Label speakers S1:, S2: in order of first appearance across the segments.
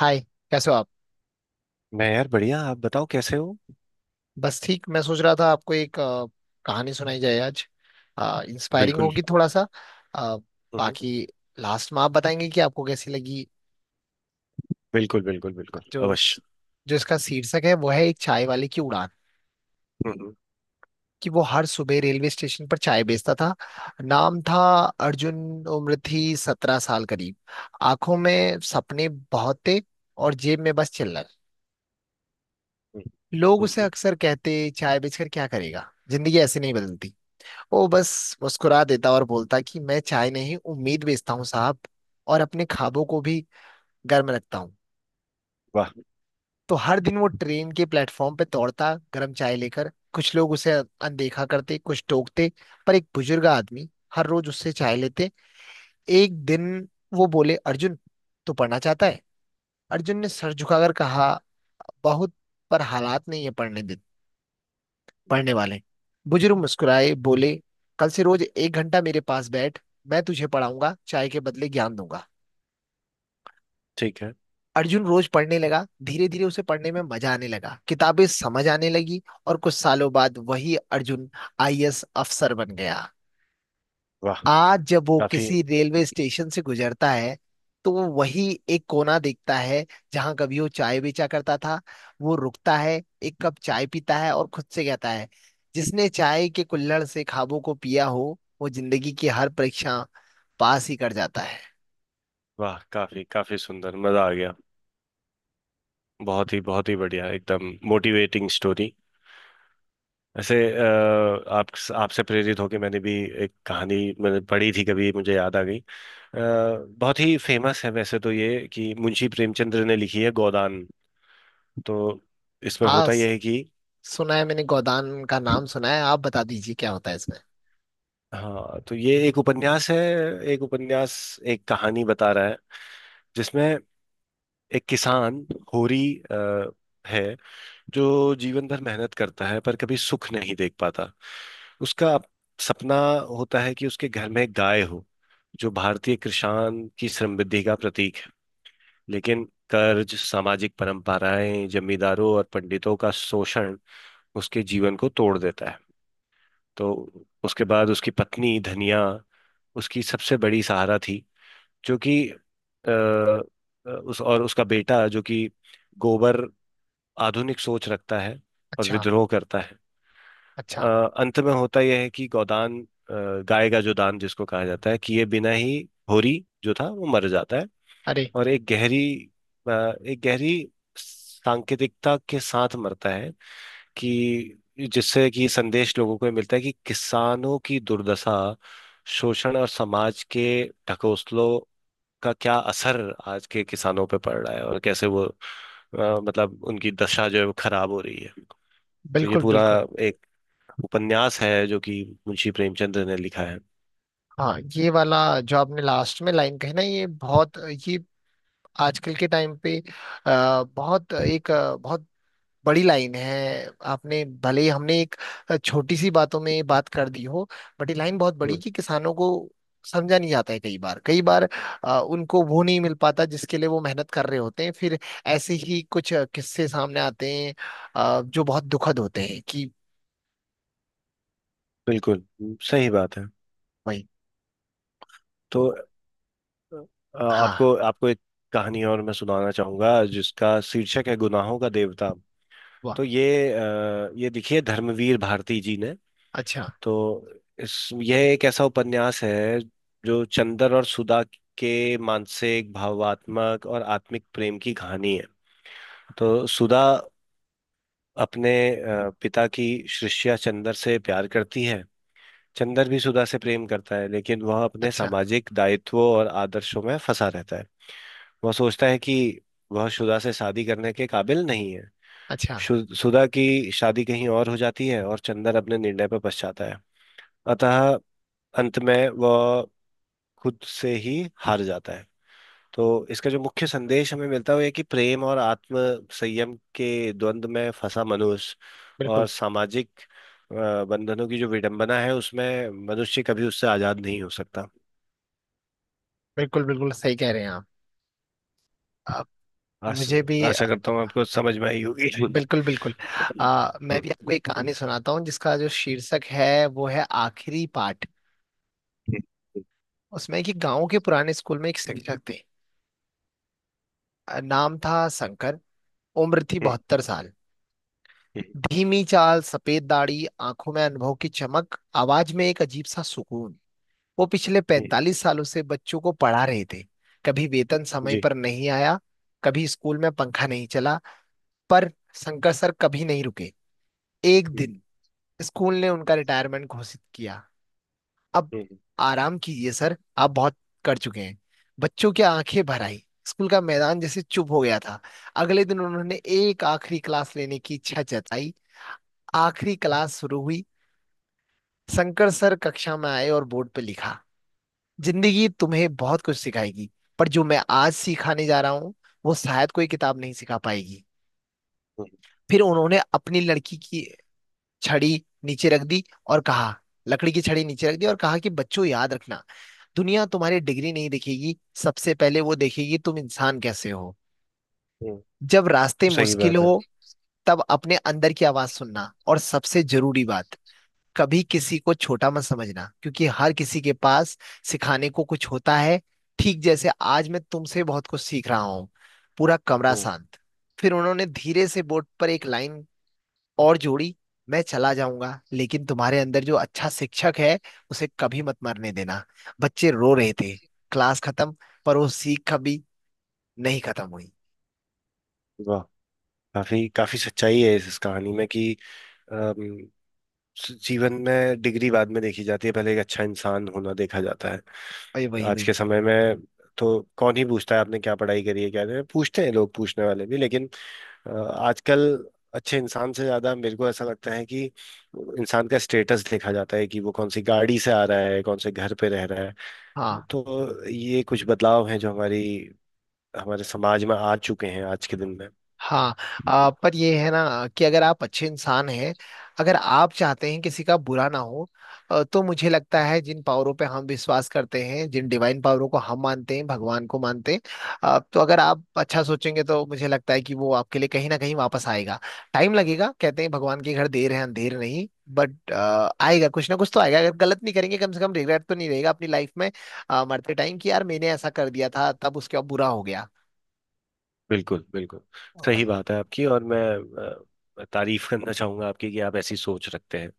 S1: हाय। कैसे हो आप?
S2: मैं यार बढ़िया। आप बताओ कैसे हो।
S1: बस ठीक। मैं सोच रहा था आपको एक कहानी सुनाई जाए आज। इंस्पायरिंग
S2: बिल्कुल।
S1: होगी थोड़ा सा। अ,
S2: हम्म।
S1: बाकी लास्ट में आप बताएंगे कि आपको कैसी लगी।
S2: बिल्कुल बिल्कुल बिल्कुल
S1: जो
S2: अवश्य।
S1: जो इसका शीर्षक है वो है एक चाय वाले की उड़ान।
S2: हम्म।
S1: कि वो हर सुबह रेलवे स्टेशन पर चाय बेचता था। नाम था अर्जुन। उम्र थी 17 साल करीब। आंखों में सपने बहुत थे और जेब में बस चिल्लर।
S2: हम्म।
S1: लोग उसे
S2: हम्म।
S1: अक्सर कहते, चाय बेचकर क्या करेगा, जिंदगी ऐसे नहीं बदलती। वो बस मुस्कुरा देता और बोलता कि मैं चाय नहीं उम्मीद बेचता हूँ साहब, और अपने ख्वाबों को भी गर्म रखता हूँ।
S2: वाह।
S1: तो हर दिन वो ट्रेन के प्लेटफॉर्म पे दौड़ता गर्म चाय लेकर। कुछ लोग उसे अनदेखा करते, कुछ टोकते। पर एक बुजुर्ग आदमी हर रोज उससे चाय लेते। एक दिन वो बोले, अर्जुन, तू पढ़ना चाहता है? अर्जुन ने सर झुकाकर कहा, बहुत, पर हालात नहीं है पढ़ने देते। पढ़ने वाले बुजुर्ग मुस्कुराए, बोले, कल से रोज एक घंटा मेरे पास बैठ, मैं तुझे पढ़ाऊंगा, चाय के बदले ज्ञान दूंगा।
S2: ठीक है।
S1: अर्जुन रोज पढ़ने लगा। धीरे धीरे उसे पढ़ने में मजा आने लगा, किताबें समझ आने लगी, और कुछ सालों बाद वही अर्जुन आईएएस अफसर बन गया।
S2: वाह।
S1: आज जब वो
S2: काफी।
S1: किसी रेलवे स्टेशन से गुजरता है, तो वो वही एक कोना देखता है, जहां कभी वो चाय बेचा करता था। वो रुकता है, एक कप चाय पीता है और खुद से कहता है, जिसने चाय के कुल्हड़ से ख्वाबों को पिया हो, वो जिंदगी की हर परीक्षा पास ही कर जाता है।
S2: वाह, काफी काफी सुंदर, मजा आ गया। बहुत ही बढ़िया, एकदम मोटिवेटिंग स्टोरी। ऐसे आप आपसे प्रेरित होकर मैंने भी एक कहानी मैंने पढ़ी थी कभी, मुझे याद आ गई। अ, बहुत ही फेमस है वैसे तो ये, कि मुंशी प्रेमचंद्र ने लिखी है, गोदान। तो इसमें
S1: हाँ,
S2: होता यह है कि,
S1: सुना है मैंने, गोदान का नाम सुना है। आप बता दीजिए क्या होता है इसमें।
S2: हाँ तो ये एक उपन्यास है। एक उपन्यास, एक कहानी बता रहा है, जिसमें एक किसान, होरी अ, है, जो जीवन भर मेहनत करता है पर कभी सुख नहीं देख पाता। उसका सपना होता है कि उसके घर में एक गाय हो, जो भारतीय किसान की समृद्धि का प्रतीक है। लेकिन कर्ज, सामाजिक परंपराएं, जमींदारों और पंडितों का शोषण उसके जीवन को तोड़ देता है। तो उसके बाद, उसकी पत्नी धनिया उसकी सबसे बड़ी सहारा थी, जो कि उस, और उसका बेटा जो कि गोबर, आधुनिक सोच रखता है और
S1: अच्छा।
S2: विद्रोह करता है।
S1: अच्छा।
S2: अ, अंत में होता यह है कि गोदान, गाय का जो दान जिसको कहा जाता है, कि ये बिना ही होरी जो था वो मर जाता है,
S1: अरे।
S2: और अ, एक गहरी सांकेतिकता के साथ मरता है। कि जिससे कि संदेश लोगों को ये मिलता है कि किसानों की दुर्दशा, शोषण और समाज के ढकोसलों का क्या असर आज के किसानों पे पड़ रहा है, और कैसे वो मतलब उनकी दशा जो है वो खराब हो रही है। तो ये
S1: बिल्कुल,
S2: पूरा
S1: बिल्कुल।
S2: एक उपन्यास है जो कि मुंशी प्रेमचंद ने लिखा है।
S1: हाँ, ये वाला जो आपने लास्ट में लाइन कही ना, ये बहुत, ये आजकल के टाइम पे बहुत एक बहुत बड़ी लाइन है। आपने भले ही हमने एक छोटी सी बातों में बात कर दी हो, बट ये लाइन बहुत बड़ी,
S2: हम्म।
S1: कि किसानों को समझा नहीं जाता है कई बार, कई बार उनको वो नहीं मिल पाता जिसके लिए वो मेहनत कर रहे होते हैं। फिर ऐसे ही कुछ किस्से सामने आते हैं, जो बहुत दुखद होते हैं कि।
S2: बिल्कुल। सही बात है।
S1: भाई।
S2: तो
S1: तो। हाँ।
S2: आपको आपको एक कहानी और मैं सुनाना चाहूंगा, जिसका शीर्षक है गुनाहों का देवता।
S1: वाह।
S2: तो ये देखिए, धर्मवीर भारती जी ने।
S1: अच्छा।
S2: तो इस यह एक ऐसा उपन्यास है जो चंदर और सुधा के मानसिक, भावात्मक और आत्मिक प्रेम की कहानी है। तो सुधा अपने पिता की शिष्या चंदर से प्यार करती है। चंदर भी सुधा से प्रेम करता है, लेकिन वह अपने
S1: अच्छा।
S2: सामाजिक दायित्वों और आदर्शों में फंसा रहता है। वह सोचता है कि वह सुधा से शादी करने के काबिल नहीं है।
S1: अच्छा।
S2: सुधा की शादी कहीं और हो जाती है और चंदर अपने निर्णय पर पछताता है। अतः अंत में वह खुद से ही हार जाता है। तो इसका जो मुख्य संदेश हमें मिलता है वो ये, कि प्रेम और आत्म संयम के द्वंद्व में फंसा मनुष्य
S1: बिल्कुल,
S2: और सामाजिक बंधनों की जो विडंबना है, उसमें मनुष्य कभी उससे आजाद नहीं हो सकता।
S1: बिल्कुल, बिल्कुल सही कह रहे हैं आप। अ,
S2: आस,
S1: मुझे भी।
S2: आशा करता हूँ आपको समझ में आई होगी। हम्म।
S1: बिल्कुल, बिल्कुल। मैं भी आपको एक कहानी सुनाता हूँ जिसका जो शीर्षक है वो है आखिरी पाठ। उसमें कि गांव के पुराने स्कूल में एक शिक्षक थे। नाम था शंकर। उम्र थी 72 साल। धीमी चाल, सफेद दाढ़ी, आंखों में अनुभव की चमक, आवाज में एक अजीब सा सुकून। वो पिछले 45 सालों से बच्चों को पढ़ा रहे थे। कभी वेतन समय
S2: जी,
S1: पर नहीं आया, कभी स्कूल में पंखा नहीं चला, पर शंकर सर कभी नहीं रुके। एक दिन स्कूल ने उनका रिटायरमेंट घोषित किया। अब आराम कीजिए सर, आप बहुत कर चुके हैं। बच्चों की आंखें भर आई, स्कूल का मैदान जैसे चुप हो गया था। अगले दिन उन्होंने एक आखिरी क्लास लेने की इच्छा जताई। आखिरी क्लास शुरू हुई। शंकर सर कक्षा में आए और बोर्ड पे लिखा, जिंदगी तुम्हें बहुत कुछ सिखाएगी, पर जो मैं आज सिखाने जा रहा हूँ, वो शायद कोई किताब नहीं सिखा पाएगी। फिर उन्होंने अपनी लड़की की छड़ी नीचे रख दी, और कहा, लकड़ी की छड़ी नीचे रख दी और कहा कि बच्चों, याद रखना, दुनिया तुम्हारी डिग्री नहीं देखेगी, सबसे पहले वो देखेगी तुम इंसान कैसे हो। जब रास्ते
S2: सही
S1: मुश्किल
S2: बात है।
S1: हो, तब अपने अंदर की आवाज सुनना। और सबसे जरूरी बात, कभी किसी को छोटा मत समझना, क्योंकि हर किसी के पास सिखाने को कुछ होता है। ठीक जैसे आज मैं तुमसे बहुत कुछ सीख रहा हूँ। पूरा कमरा
S2: हम्म।
S1: शांत। फिर उन्होंने धीरे से बोर्ड पर एक लाइन और जोड़ी, मैं चला जाऊंगा, लेकिन तुम्हारे अंदर जो अच्छा शिक्षक है, उसे कभी मत मरने देना। बच्चे रो रहे थे। क्लास खत्म, पर वो सीख कभी नहीं खत्म हुई।
S2: वाह, काफी काफी सच्चाई है इस कहानी में, कि अम, जीवन में डिग्री बाद में देखी जाती है, पहले एक अच्छा इंसान होना देखा जाता है।
S1: वही, वही,
S2: आज के
S1: वही।
S2: समय में तो कौन ही पूछता है आपने क्या पढ़ाई करी है क्या? नहीं पूछते हैं लोग, पूछने वाले भी, लेकिन आजकल अच्छे इंसान से ज्यादा मेरे को ऐसा लगता है कि इंसान का स्टेटस देखा जाता है, कि वो कौन सी गाड़ी से आ रहा है, कौन से घर पे रह रहा है।
S1: हाँ।
S2: तो ये कुछ बदलाव हैं जो हमारी हमारे समाज में आ चुके हैं, आज के दिन में।
S1: हाँ। पर ये है ना कि अगर आप अच्छे इंसान हैं, अगर आप चाहते हैं किसी का बुरा ना हो, तो मुझे लगता है जिन पावरों पे हम विश्वास करते हैं, जिन डिवाइन पावरों को हम मानते हैं, भगवान को मानते हैं, तो अगर आप अच्छा सोचेंगे, तो मुझे लगता है कि वो आपके लिए कहीं ना कहीं वापस आएगा। टाइम लगेगा, कहते हैं भगवान के घर देर है अंधेर नहीं, बट आएगा, कुछ ना कुछ तो आएगा। अगर गलत नहीं करेंगे, कम से कम रिग्रेट तो नहीं रहेगा अपनी लाइफ में, मरते टाइम, कि यार मैंने ऐसा कर दिया था, तब उसके बाद बुरा हो गया।
S2: बिल्कुल बिल्कुल
S1: ओ
S2: सही
S1: भाई।
S2: बात है आपकी, और मैं तारीफ करना चाहूंगा आपकी, कि आप ऐसी सोच रखते हैं।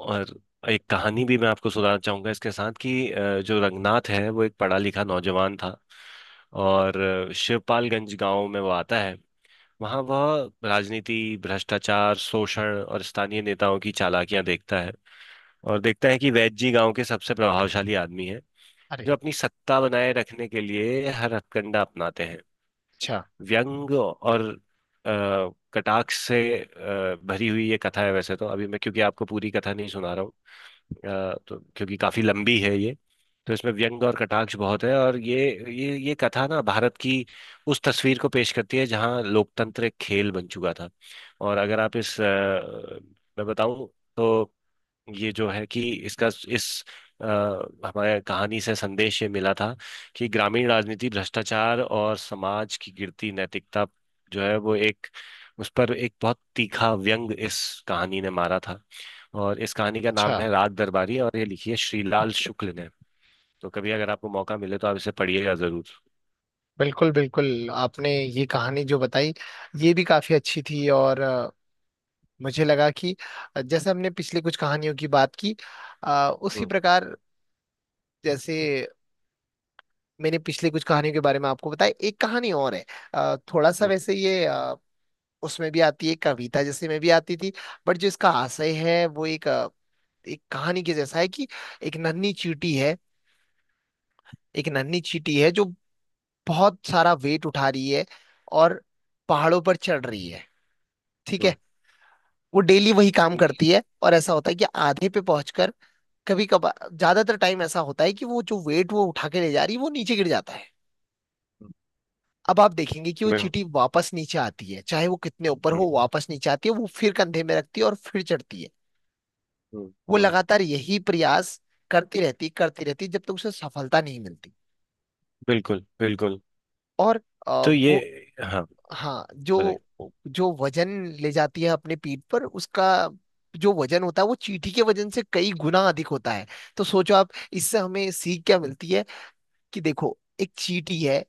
S2: और एक कहानी भी मैं आपको सुनाना चाहूंगा इसके साथ, कि जो रंगनाथ है वो एक पढ़ा लिखा नौजवान था। और शिवपालगंज गांव में वो आता है। वहाँ वह राजनीति, भ्रष्टाचार, शोषण और स्थानीय नेताओं की चालाकियां देखता है। और देखता है कि वैद्य जी गांव के सबसे प्रभावशाली आदमी हैं,
S1: अरे।
S2: जो अपनी सत्ता बनाए रखने के लिए हर हथकंडा अपनाते हैं।
S1: अच्छा।
S2: व्यंग और अ, कटाक्ष से भरी हुई ये कथा है, वैसे तो अभी मैं, क्योंकि आपको पूरी कथा नहीं सुना रहा हूँ, तो क्योंकि काफी लंबी है ये। तो इसमें व्यंग और कटाक्ष बहुत है, और ये कथा ना भारत की उस तस्वीर को पेश करती है जहाँ लोकतंत्र एक खेल बन चुका था। और अगर आप इस अ, मैं बताऊं तो, ये जो है कि इसका, इस हमारे कहानी से संदेश ये मिला था, कि ग्रामीण राजनीति, भ्रष्टाचार और समाज की गिरती नैतिकता जो है, वो एक उस पर एक बहुत तीखा व्यंग इस कहानी ने मारा था। और इस कहानी का नाम
S1: अच्छा।
S2: है रात दरबारी, और ये लिखी है श्रीलाल शुक्ल ने। तो कभी अगर आपको मौका मिले तो आप इसे पढ़िएगा जरूर।
S1: बिल्कुल, बिल्कुल, आपने ये कहानी जो बताई ये भी काफी अच्छी थी, और मुझे लगा कि जैसे हमने पिछले कुछ कहानियों की बात की, उसी
S2: हम्म।
S1: प्रकार जैसे मैंने पिछले कुछ कहानियों के बारे में आपको बताया, एक कहानी और है, थोड़ा सा
S2: हम्म।
S1: वैसे ये उसमें भी आती है, कविता जैसे में भी आती थी, बट जो इसका आशय है वो एक एक कहानी के जैसा है कि एक नन्ही चींटी है। एक नन्ही चींटी है जो बहुत सारा वेट उठा रही है और पहाड़ों पर चढ़ रही है, ठीक है?
S2: हम्म।
S1: वो डेली वही काम
S2: हम्म।
S1: करती है, और ऐसा होता है कि आधे पे पहुंचकर, कभी कभार, ज्यादातर टाइम ऐसा होता है कि वो जो वेट वो उठा के ले जा रही है वो नीचे गिर जाता है। अब आप देखेंगे कि वो
S2: बिल-
S1: चींटी वापस नीचे आती है, चाहे वो कितने ऊपर
S2: हम्म।
S1: हो वापस नीचे आती है, वो फिर कंधे में रखती है और फिर चढ़ती है।
S2: हम्म।
S1: वो
S2: हम्म।
S1: लगातार यही प्रयास करती रहती, करती रहती, जब तक उसे सफलता नहीं मिलती।
S2: बिल्कुल बिल्कुल।
S1: और अ,
S2: तो ये
S1: वो,
S2: हाँ,
S1: हाँ, जो जो वजन ले जाती है अपने पीठ पर, उसका जो वजन होता है वो चींटी के वजन से कई गुना अधिक होता है। तो सोचो आप, इससे हमें सीख क्या मिलती है? कि देखो, एक चींटी है,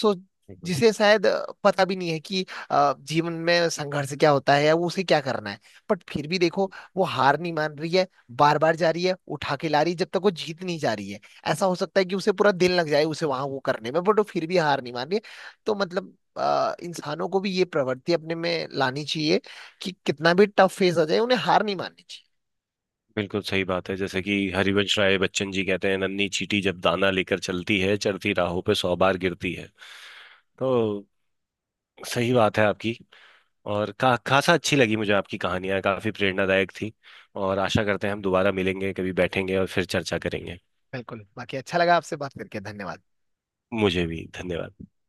S1: सो
S2: बताइए।
S1: जिसे शायद पता भी नहीं है कि जीवन में संघर्ष क्या होता है, या वो उसे क्या करना है, बट फिर भी देखो, वो हार नहीं मान रही है। बार बार जा रही है, उठा के ला रही है, जब तक वो जीत नहीं जा रही है। ऐसा हो सकता है कि उसे पूरा दिन लग जाए उसे वहां वो करने में, बट वो फिर भी हार नहीं मान रही है। तो मतलब इंसानों को भी ये प्रवृत्ति अपने में लानी चाहिए, कि कितना भी टफ फेस आ जाए, उन्हें हार नहीं माननी चाहिए।
S2: बिल्कुल सही बात है। जैसे कि हरिवंश राय बच्चन जी कहते हैं, नन्ही चींटी जब दाना लेकर चलती है, चढ़ती राहों पे 100 बार गिरती है। तो सही बात है आपकी, और खासा अच्छी लगी मुझे आपकी कहानियां, काफी प्रेरणादायक थी। और आशा करते हैं हम दोबारा मिलेंगे, कभी बैठेंगे और फिर चर्चा करेंगे।
S1: बिल्कुल। बाकी अच्छा लगा आपसे बात करके, धन्यवाद।
S2: मुझे भी धन्यवाद।